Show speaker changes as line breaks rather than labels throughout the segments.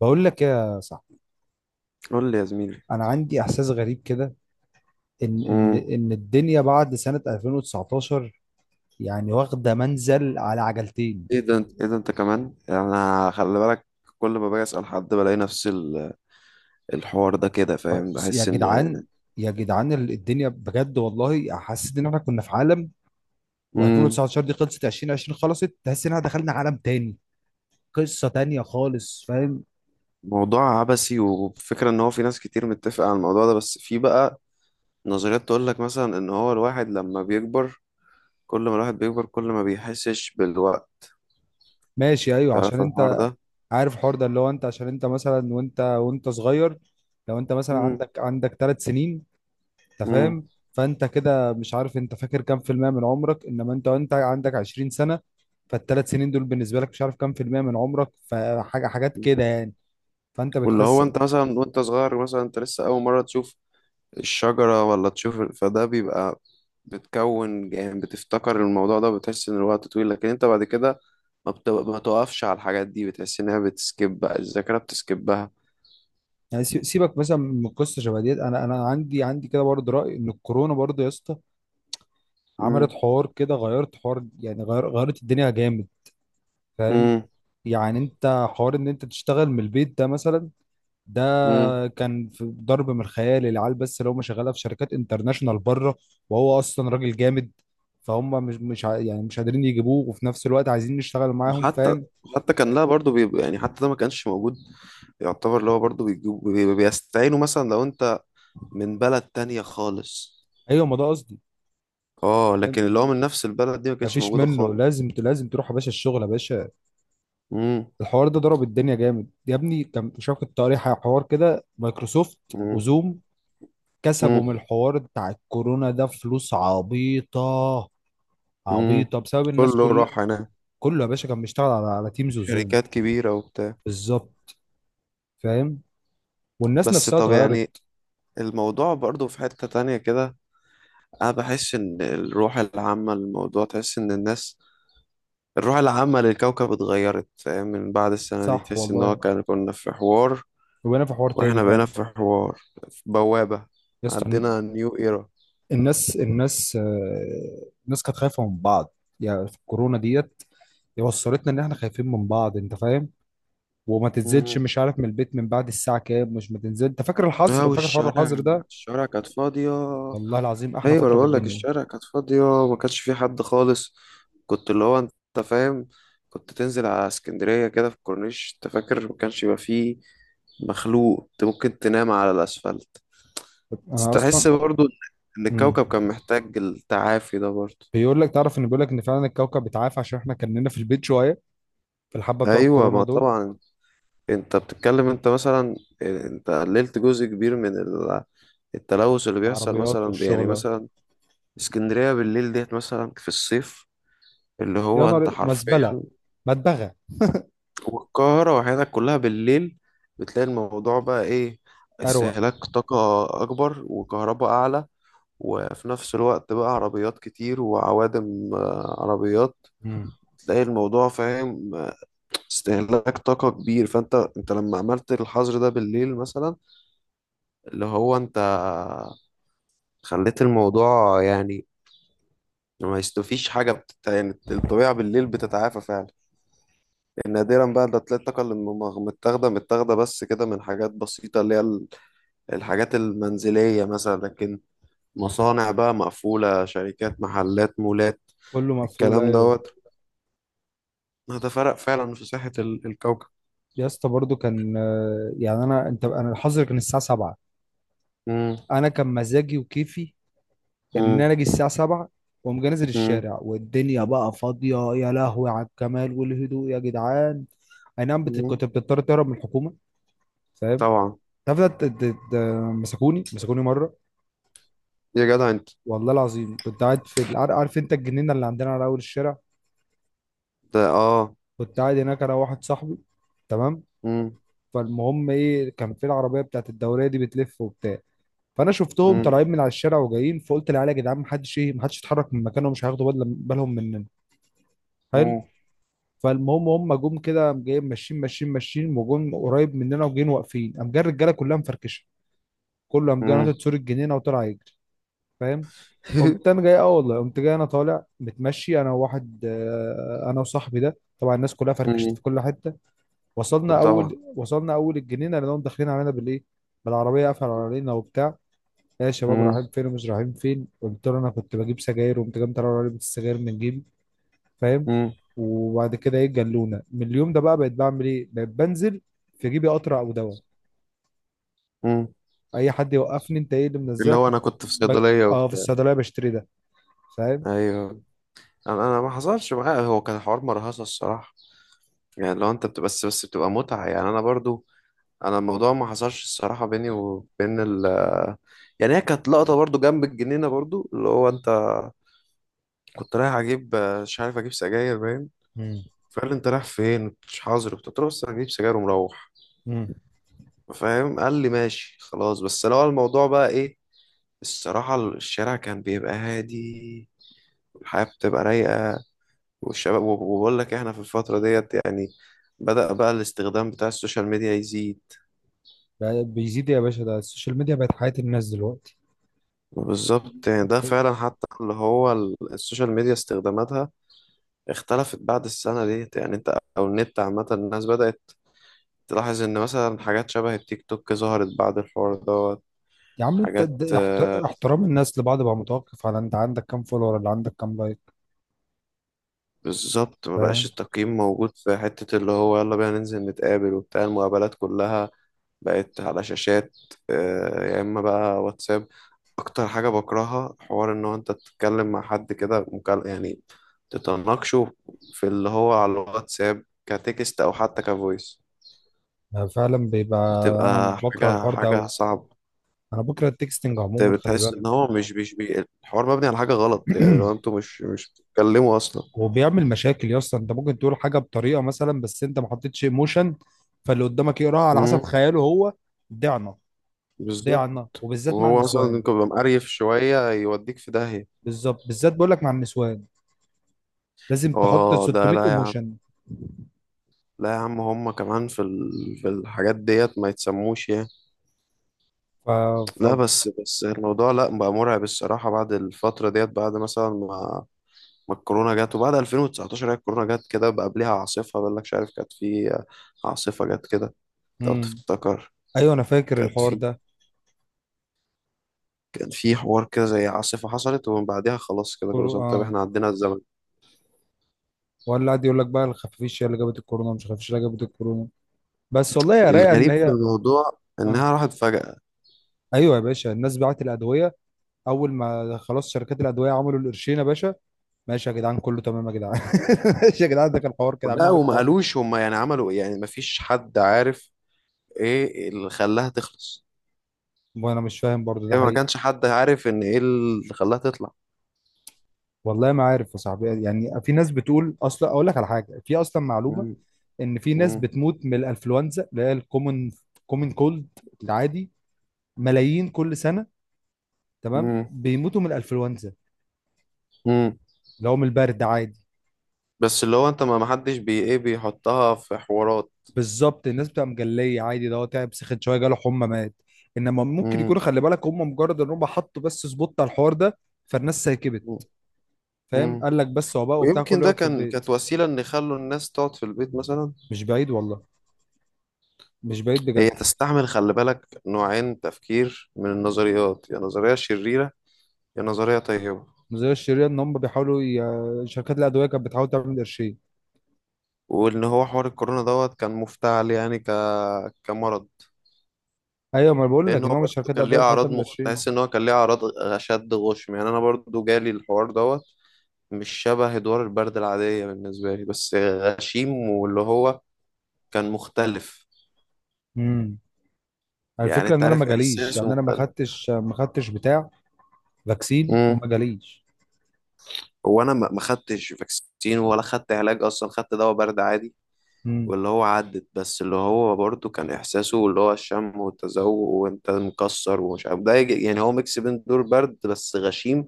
بقول لك يا صاحبي،
قول لي يا زميلي.
انا عندي احساس غريب كده، ان ان
امم
ان الدنيا بعد سنة 2019 يعني واخدة منزل على عجلتين.
ايه ده انت، كمان يعني، انا خلي بالك. كل ما باجي اسال حد بلاقي نفس الحوار ده كده فاهم.
يا
بحس ان
جدعان، يا جدعان، الدنيا بجد والله حسيت ان احنا كنا في عالم،
امم
و2019 دي خلصت، 2020 خلصت، تحس ان احنا دخلنا عالم تاني، قصة تانية خالص، فاهم؟
موضوع عبثي، وفكرة ان هو في ناس كتير متفقة على الموضوع ده، بس في بقى نظريات تقول لك مثلا ان هو الواحد لما بيكبر، كل ما الواحد بيكبر كل ما بيحسش بالوقت.
ماشي، ايوه، عشان
تعرف الحوار
انت
ده؟
عارف الحوار ده، اللي هو انت عشان انت مثلا وانت صغير، لو انت مثلا
امم
عندك ثلاث سنين، انت
امم
فاهم؟ فانت كده مش عارف انت فاكر كام في المية من عمرك، انما انت وانت عندك 20 سنة، فالثلاث سنين دول بالنسبة لك مش عارف كام في المية من عمرك، فحاجة حاجات كده يعني، فانت
واللي هو
بتحس.
انت مثلا وانت صغير، مثلا انت لسه اول مرة تشوف الشجرة ولا تشوف، فده بيبقى بتكون يعني بتفتكر الموضوع ده، بتحس إن الوقت طويل. لكن أنت بعد كده، ما بتقفش على الحاجات دي، بتحس إنها بتسكب بقى، الذاكرة بتسكبها.
يعني سيبك مثلا من قصة شبه ديت، انا عندي كده برضه رأي ان الكورونا برضه يا اسطى
مم.
عملت حوار كده، غيرت حوار، يعني غير غيرت الدنيا جامد، فاهم؟
مم.
يعني انت حوار ان انت تشتغل من البيت ده مثلا، ده
مم.
كان في ضرب من الخيال، العيال بس اللي هم شغاله في شركات انترناشونال بره، وهو اصلا راجل جامد، فهم مش يعني مش قادرين يجيبوه، وفي نفس الوقت عايزين نشتغل معاهم،
وحتى
فاهم؟
حتى كان لها برضو، بيبقى يعني حتى ده ما كانش موجود. يعتبر اللي هو برضو بيجيب بيستعينوا مثلا لو أنت من بلد تانية خالص.
ايوه، ما ده قصدي.
اه لكن اللي هو
فاهم؟
من نفس البلد دي ما كانتش
مفيش
موجودة
منه،
خالص.
لازم تروح يا باشا الشغل يا باشا.
مم.
الحوار ده ضرب الدنيا جامد يا ابني، كان شاف كنت قاري حوار كده، مايكروسوفت
مم.
وزوم
مم.
كسبوا من الحوار بتاع الكورونا ده فلوس عبيطه،
مم.
عبيطه بسبب الناس
كله
كلها،
راح هناك.
كله يا باشا كان بيشتغل على تيمز وزوم.
شركات كبيرة وبتاع.
بالظبط. فاهم؟ والناس
بس
نفسها
طب
اتغيرت.
يعني الموضوع برضو في حتة تانية كده. أنا بحس إن الروح العامة للموضوع، تحس إن الناس، الروح العامة للكوكب اتغيرت فاهم؟ من بعد السنة دي
صح
تحس إن هو
والله،
كان كنا في حوار،
وانا في حوار تاني
وإحنا بقينا
فعلا.
في حوار، في بوابة،
يا اسطى،
عندنا نيو إيرا.
الناس كانت خايفه من بعض، يعني في الكورونا ديت وصلتنا ان احنا خايفين من بعض، انت فاهم؟ وما تنزلش، مش عارف، من البيت من بعد الساعه كام، مش ما تنزل، انت فاكر
اه
الحظر، فاكر حوار الحظر
والشوارع،
ده؟
الشوارع كانت فاضية.
والله العظيم احلى
ايوه، انا
فتره في
بقول لك
الدنيا.
الشارع كانت فاضيه، ما كانش في حد خالص. كنت اللي هو انت فاهم، كنت تنزل على اسكندريه كده في الكورنيش، انت فاكر، ما كانش يبقى فيه مخلوق، انت ممكن تنام على الاسفلت. بس
انا اصلا.
تحس برضو ان
مم.
الكوكب كان محتاج التعافي ده برضو.
بيقول لك، تعرف ان بيقول لك ان فعلا الكوكب بيتعافى عشان احنا كنا في البيت شويه في الحبه بتوع
ايوه،
الكورونا
ما
دول.
طبعا انت بتتكلم، انت مثلا انت قللت جزء كبير من التلوث اللي بيحصل،
عربيات
مثلا يعني
والشغله.
مثلا اسكندريه بالليل ديت، مثلا في الصيف، اللي
يا
هو انت
نهار
حرفيا،
مزبله، مدبغه،
والقاهرة وحياتك كلها بالليل، بتلاقي الموضوع بقى إيه؟
اروق.
استهلاك طاقة أكبر وكهرباء أعلى. وفي نفس الوقت بقى عربيات كتير وعوادم. آه، عربيات،
مم.
تلاقي الموضوع فاهم. آه، استهلاك طاقة كبير. فأنت، أنت لما عملت الحظر ده بالليل مثلا، اللي هو أنت خليت الموضوع يعني ما يستفيش حاجة يعني الطبيعة بالليل بتتعافى فعلا. نادرا بقى ده تلاقي الطاقة اللي متاخدة، بس كده من حاجات بسيطة اللي هي الحاجات المنزلية مثلا. لكن مصانع بقى مقفولة، شركات، محلات، مولات،
كله مقفول،
الكلام
ايوه.
دوت. هذا فرق فعلا في صحة الكوكب.
يا اسطى برضو كان، يعني انا الحظر كان الساعه 7،
مم.
انا كان مزاجي وكيفي ان
مم.
انا اجي الساعه 7 واقوم جاي نازل
مم.
الشارع والدنيا بقى فاضيه، يا لهوي على الجمال والهدوء يا جدعان. اي نعم، بت-
مم.
كنت بتضطر تهرب من الحكومه، فاهم؟
طبعا.
تعرف ده مسكوني مره،
يا جدع انت!
والله العظيم كنت قاعد في عارف انت الجنينه اللي عندنا على اول الشارع،
ده اه.
كنت قاعد هناك انا واحد صاحبي، تمام.
مم.
فالمهم ايه، كان في العربيه بتاعت الدوريه دي بتلف وبتاع، فانا شفتهم
مم.
طالعين من على الشارع وجايين، فقلت للعيال يا جدعان، محدش يتحرك من مكانه، مش هياخدوا بالهم مننا، حلو.
مم.
فالمهم، هم جم كده قام جايين ماشيين ماشيين ماشيين، وجم قريب مننا وجايين واقفين، قام جاي الرجاله كلها مفركشه، كله قام جاي
مم.
ناطط سور الجنينه وطلع يجري، فاهم؟ قمت انا جاي، اه والله، قمت جاي انا طالع متمشي انا وواحد آه، انا وصاحبي ده، طبعا الناس كلها فركشت
مم.
في كل حته. وصلنا
وطبعا.
اول وصلنا اول الجنينه لانهم داخلين علينا بالايه، بالعربيه قافله علينا وبتاع، يا شباب
مم.
رايحين فين ومش رايحين فين، قلت له انا كنت بجيب سجاير، وقمت جاي مطلع علبه السجاير من جيبي، فاهم؟
مم.
وبعد كده ايه، جلونه من اليوم ده بقى، بقيت بعمل ايه، بقيت بنزل في جيبي قطره او دواء،
مم.
اي حد يوقفني انت ايه اللي
اللي
منزلك
هو
كنت
انا كنت في
ب...
صيدلية
اه، في
وبتاع.
الصيدليه بشتري ده، فاهم؟
ايوه. انا ما حصلش معايا، هو كان حوار مرهصة الصراحة. يعني لو انت بتبقى بس بتبقى متعة يعني. انا برضو، انا الموضوع ما حصلش الصراحه بيني وبين ال، يعني هي كانت لقطه برضو جنب الجنينه برضو، اللي هو انت كنت رايح اجيب، آه، مش عارف اجيب سجاير باين.
مم.
فقال لي انت رايح فين، مش حاضر؟ قلت له بس انا هجيب سجاير ومروح،
مم.
فاهم؟ قال لي ماشي خلاص، بس لو الموضوع بقى ايه. الصراحه الشارع كان بيبقى هادي، والحياه بتبقى رايقه، والشباب. وبقول لك احنا في الفتره ديت يعني بدأ بقى الاستخدام بتاع السوشيال ميديا يزيد.
بقى بيزيد يا باشا، ده السوشيال ميديا بقت حياة الناس دلوقتي.
بالظبط يعني، ده
انت.
فعلا حتى اللي هو السوشيال ميديا استخداماتها اختلفت بعد السنة ديت يعني، انت او النت عامة، الناس بدأت تلاحظ ان مثلا حاجات شبه التيك توك ظهرت بعد الحوار دوت.
يا عم انت،
حاجات
د- احت-
آه،
احترام الناس لبعض بقى متوقف على انت عندك كام فولور ولا عندك كام لايك،
بالظبط، ما بقاش
فاهم؟
التقييم موجود في حتة اللي هو يلا بينا ننزل نتقابل وبتاع. المقابلات كلها بقت على شاشات. آه، يا اما بقى واتساب. اكتر حاجه بكرهها حوار ان هو انت تتكلم مع حد كده يعني تتناقشه في اللي هو على الواتساب كتكست او حتى كفويس،
أنا فعلا بيبقى، انا
بتبقى
بكره
حاجه
الحوار
حاجه
ده،
صعبه.
انا بكره التكستنج عموما، خلي
بتحس
بالك.
ان هو مش مش بي... الحوار مبني على حاجه غلط يعني، لو انتوا مش بتتكلموا اصلا.
وبيعمل مشاكل يا اسطى، انت ممكن تقول حاجه بطريقه مثلا بس انت ما حطيتش ايموشن، فاللي قدامك يقراها على حسب
امم
خياله هو. ضعنا.
بالظبط.
ضعنا، وبالذات مع
وهو اصلا
النسوان.
انت بيبقى مقريف شويه، يوديك في داهيه.
بالظبط، بالذات بقول لك مع النسوان لازم تحط
اه ده
600
لا يا عم،
ايموشن.
لا يا عم، هم كمان في ال، في الحاجات ديت ما يتسموش يعني.
ف ف
لا بس، الموضوع لا بقى مرعب الصراحة، بعد الفترة ديت، بعد مثلا ما الكورونا جت. وبعد 2019، هي الكورونا جت كده، بقى قبلها عاصفة بقول لك، مش عارف كانت في عاصفة جت كده لو
مم.
تفتكر.
ايوه، انا فاكر
كانت
الحوار
في،
ده.
كان في حوار كده زي عاصفة حصلت، ومن بعدها خلاص كده كل سنة. طب
اه.
احنا عدينا الزمن.
ولا قاعد يقول لك بقى الخفافيش هي اللي جابت الكورونا، مش الخفافيش اللي جابت الكورونا، بس والله يا رايقه ان
الغريب في
هي.
الموضوع
اه،
انها راحت فجأة.
ايوه يا باشا، الناس بعت الادويه، اول ما خلاص شركات الادويه عملوا القرشين يا باشا. ماشي يا جدعان، كله تمام يا جدعان. ماشي يا جدعان، ده كان حوار كده، عاملين
لا
عليكم
وما
حوار كده.
قالوش هم يعني عملوا ايه يعني، ما فيش حد عارف ايه اللي خلاها تخلص.
وانا مش فاهم برضو، ده
هي ما
حقيقي؟
كانش حد عارف ان ايه اللي خلاها تطلع.
والله ما عارف يا صاحبي، يعني في ناس بتقول، اصلا اقول لك على حاجه، في اصلا معلومه
مم.
ان في ناس
مم.
بتموت من الانفلونزا اللي هي الكومن، كومن كولد، العادي، ملايين كل سنه، تمام،
مم.
بيموتوا من الانفلونزا
مم.
اللي هو من البرد عادي.
بس اللي هو انت ما حدش بي ايه بيحطها في حوارات.
بالظبط، الناس بتبقى مجليه عادي، ده هو تعب، سخن شويه، جاله حمى، مات. انما ممكن يكونوا،
مم.
خلي بالك، هم مجرد ان هم حطوا بس سبوت على الحوار ده، فالناس سايكبت،
مم.
فاهم؟
مم.
قال لك، بس هو بقى وبتاع
ويمكن
كله
ده
يقعد في البيت.
كانت وسيلة ان يخلوا الناس تقعد في البيت مثلا.
مش بعيد والله. مش بعيد
هي
بجد.
تستعمل خلي بالك نوعين تفكير من النظريات، يا نظرية شريرة يا نظرية طيبة.
نظريه الشريره ان هم بيحاولوا، ي... شركات الادويه كانت بتحاول تعمل قرشين.
وان هو حوار الكورونا دوت كان مفتعل يعني كمرض.
ايوه، ما أنا بقول
لان
لك ان
هو
هم
برضه
شركات
كان ليه
الادويه بتحاول
اعراض
تعمل قرشين.
تحس ان هو كان ليه اعراض اشد غشم يعني. انا برضه جالي الحوار دوت، مش شبه ادوار البرد العادية بالنسبة لي، بس غشيم واللي هو كان مختلف
امم
يعني.
الفكره
انت
ان انا ما
عارف
جاليش،
احساسه
يعني انا ما
مختلف.
خدتش ما خدتش بتاع فاكسين
امم
وما جاليش.
هو انا ما خدتش فاكسين، ولا خدت علاج اصلا، خدت دواء برد عادي
امم
واللي هو عدت. بس اللي هو برضه كان احساسه اللي هو الشم والتذوق، وانت مكسر ومش عارف ده يعني هو ميكس بين دور برد بس غشيم،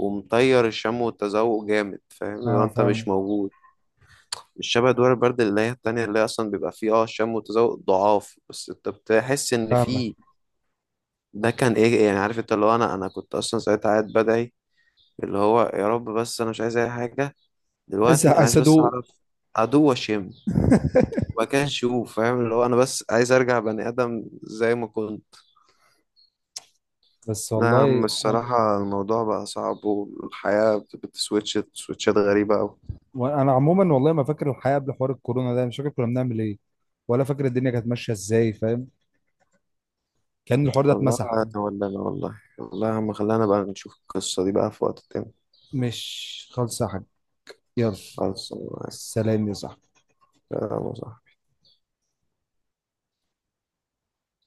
ومطير الشم والتذوق جامد فاهم، اللي هو
اه،
انت مش
فاهم.
موجود. الشبه دوار البرد اللي هي التانية اللي هي أصلا بيبقى فيه اه شم وتذوق ضعاف، بس أنت بتحس إن
فاهمك.
فيه. ده كان إيه يعني؟ عارف أنت اللي هو، أنا كنت أصلا ساعتها قاعد بدعي اللي هو يا رب، بس أنا مش عايز أي حاجة
عايز
دلوقتي، أنا
عايز
عايز بس
ادوق.
أعرف أدوق وأشم وبعد كده أشوف، فاهم؟ اللي هو أنا بس عايز أرجع بني آدم زي ما كنت.
بس
لا يا عم
والله انا.
الصراحة الموضوع بقى صعب، والحياة بتسويتش سويتشات غريبة أوي.
وأنا عموما والله ما فاكر الحياه قبل حوار الكورونا ده، مش فاكر كنا بنعمل ايه، ولا فاكر الدنيا كانت ماشيه ازاي، فاهم؟ كان الحوار ده
الله
اتمسح.
يتولانا والله. والله يا عم خلينا بقى نشوف القصة دي بقى في وقت تاني.
مش خالصة يا حاج. يلا.
خلاص،
سلام يا صاحبي.
يلا، صح.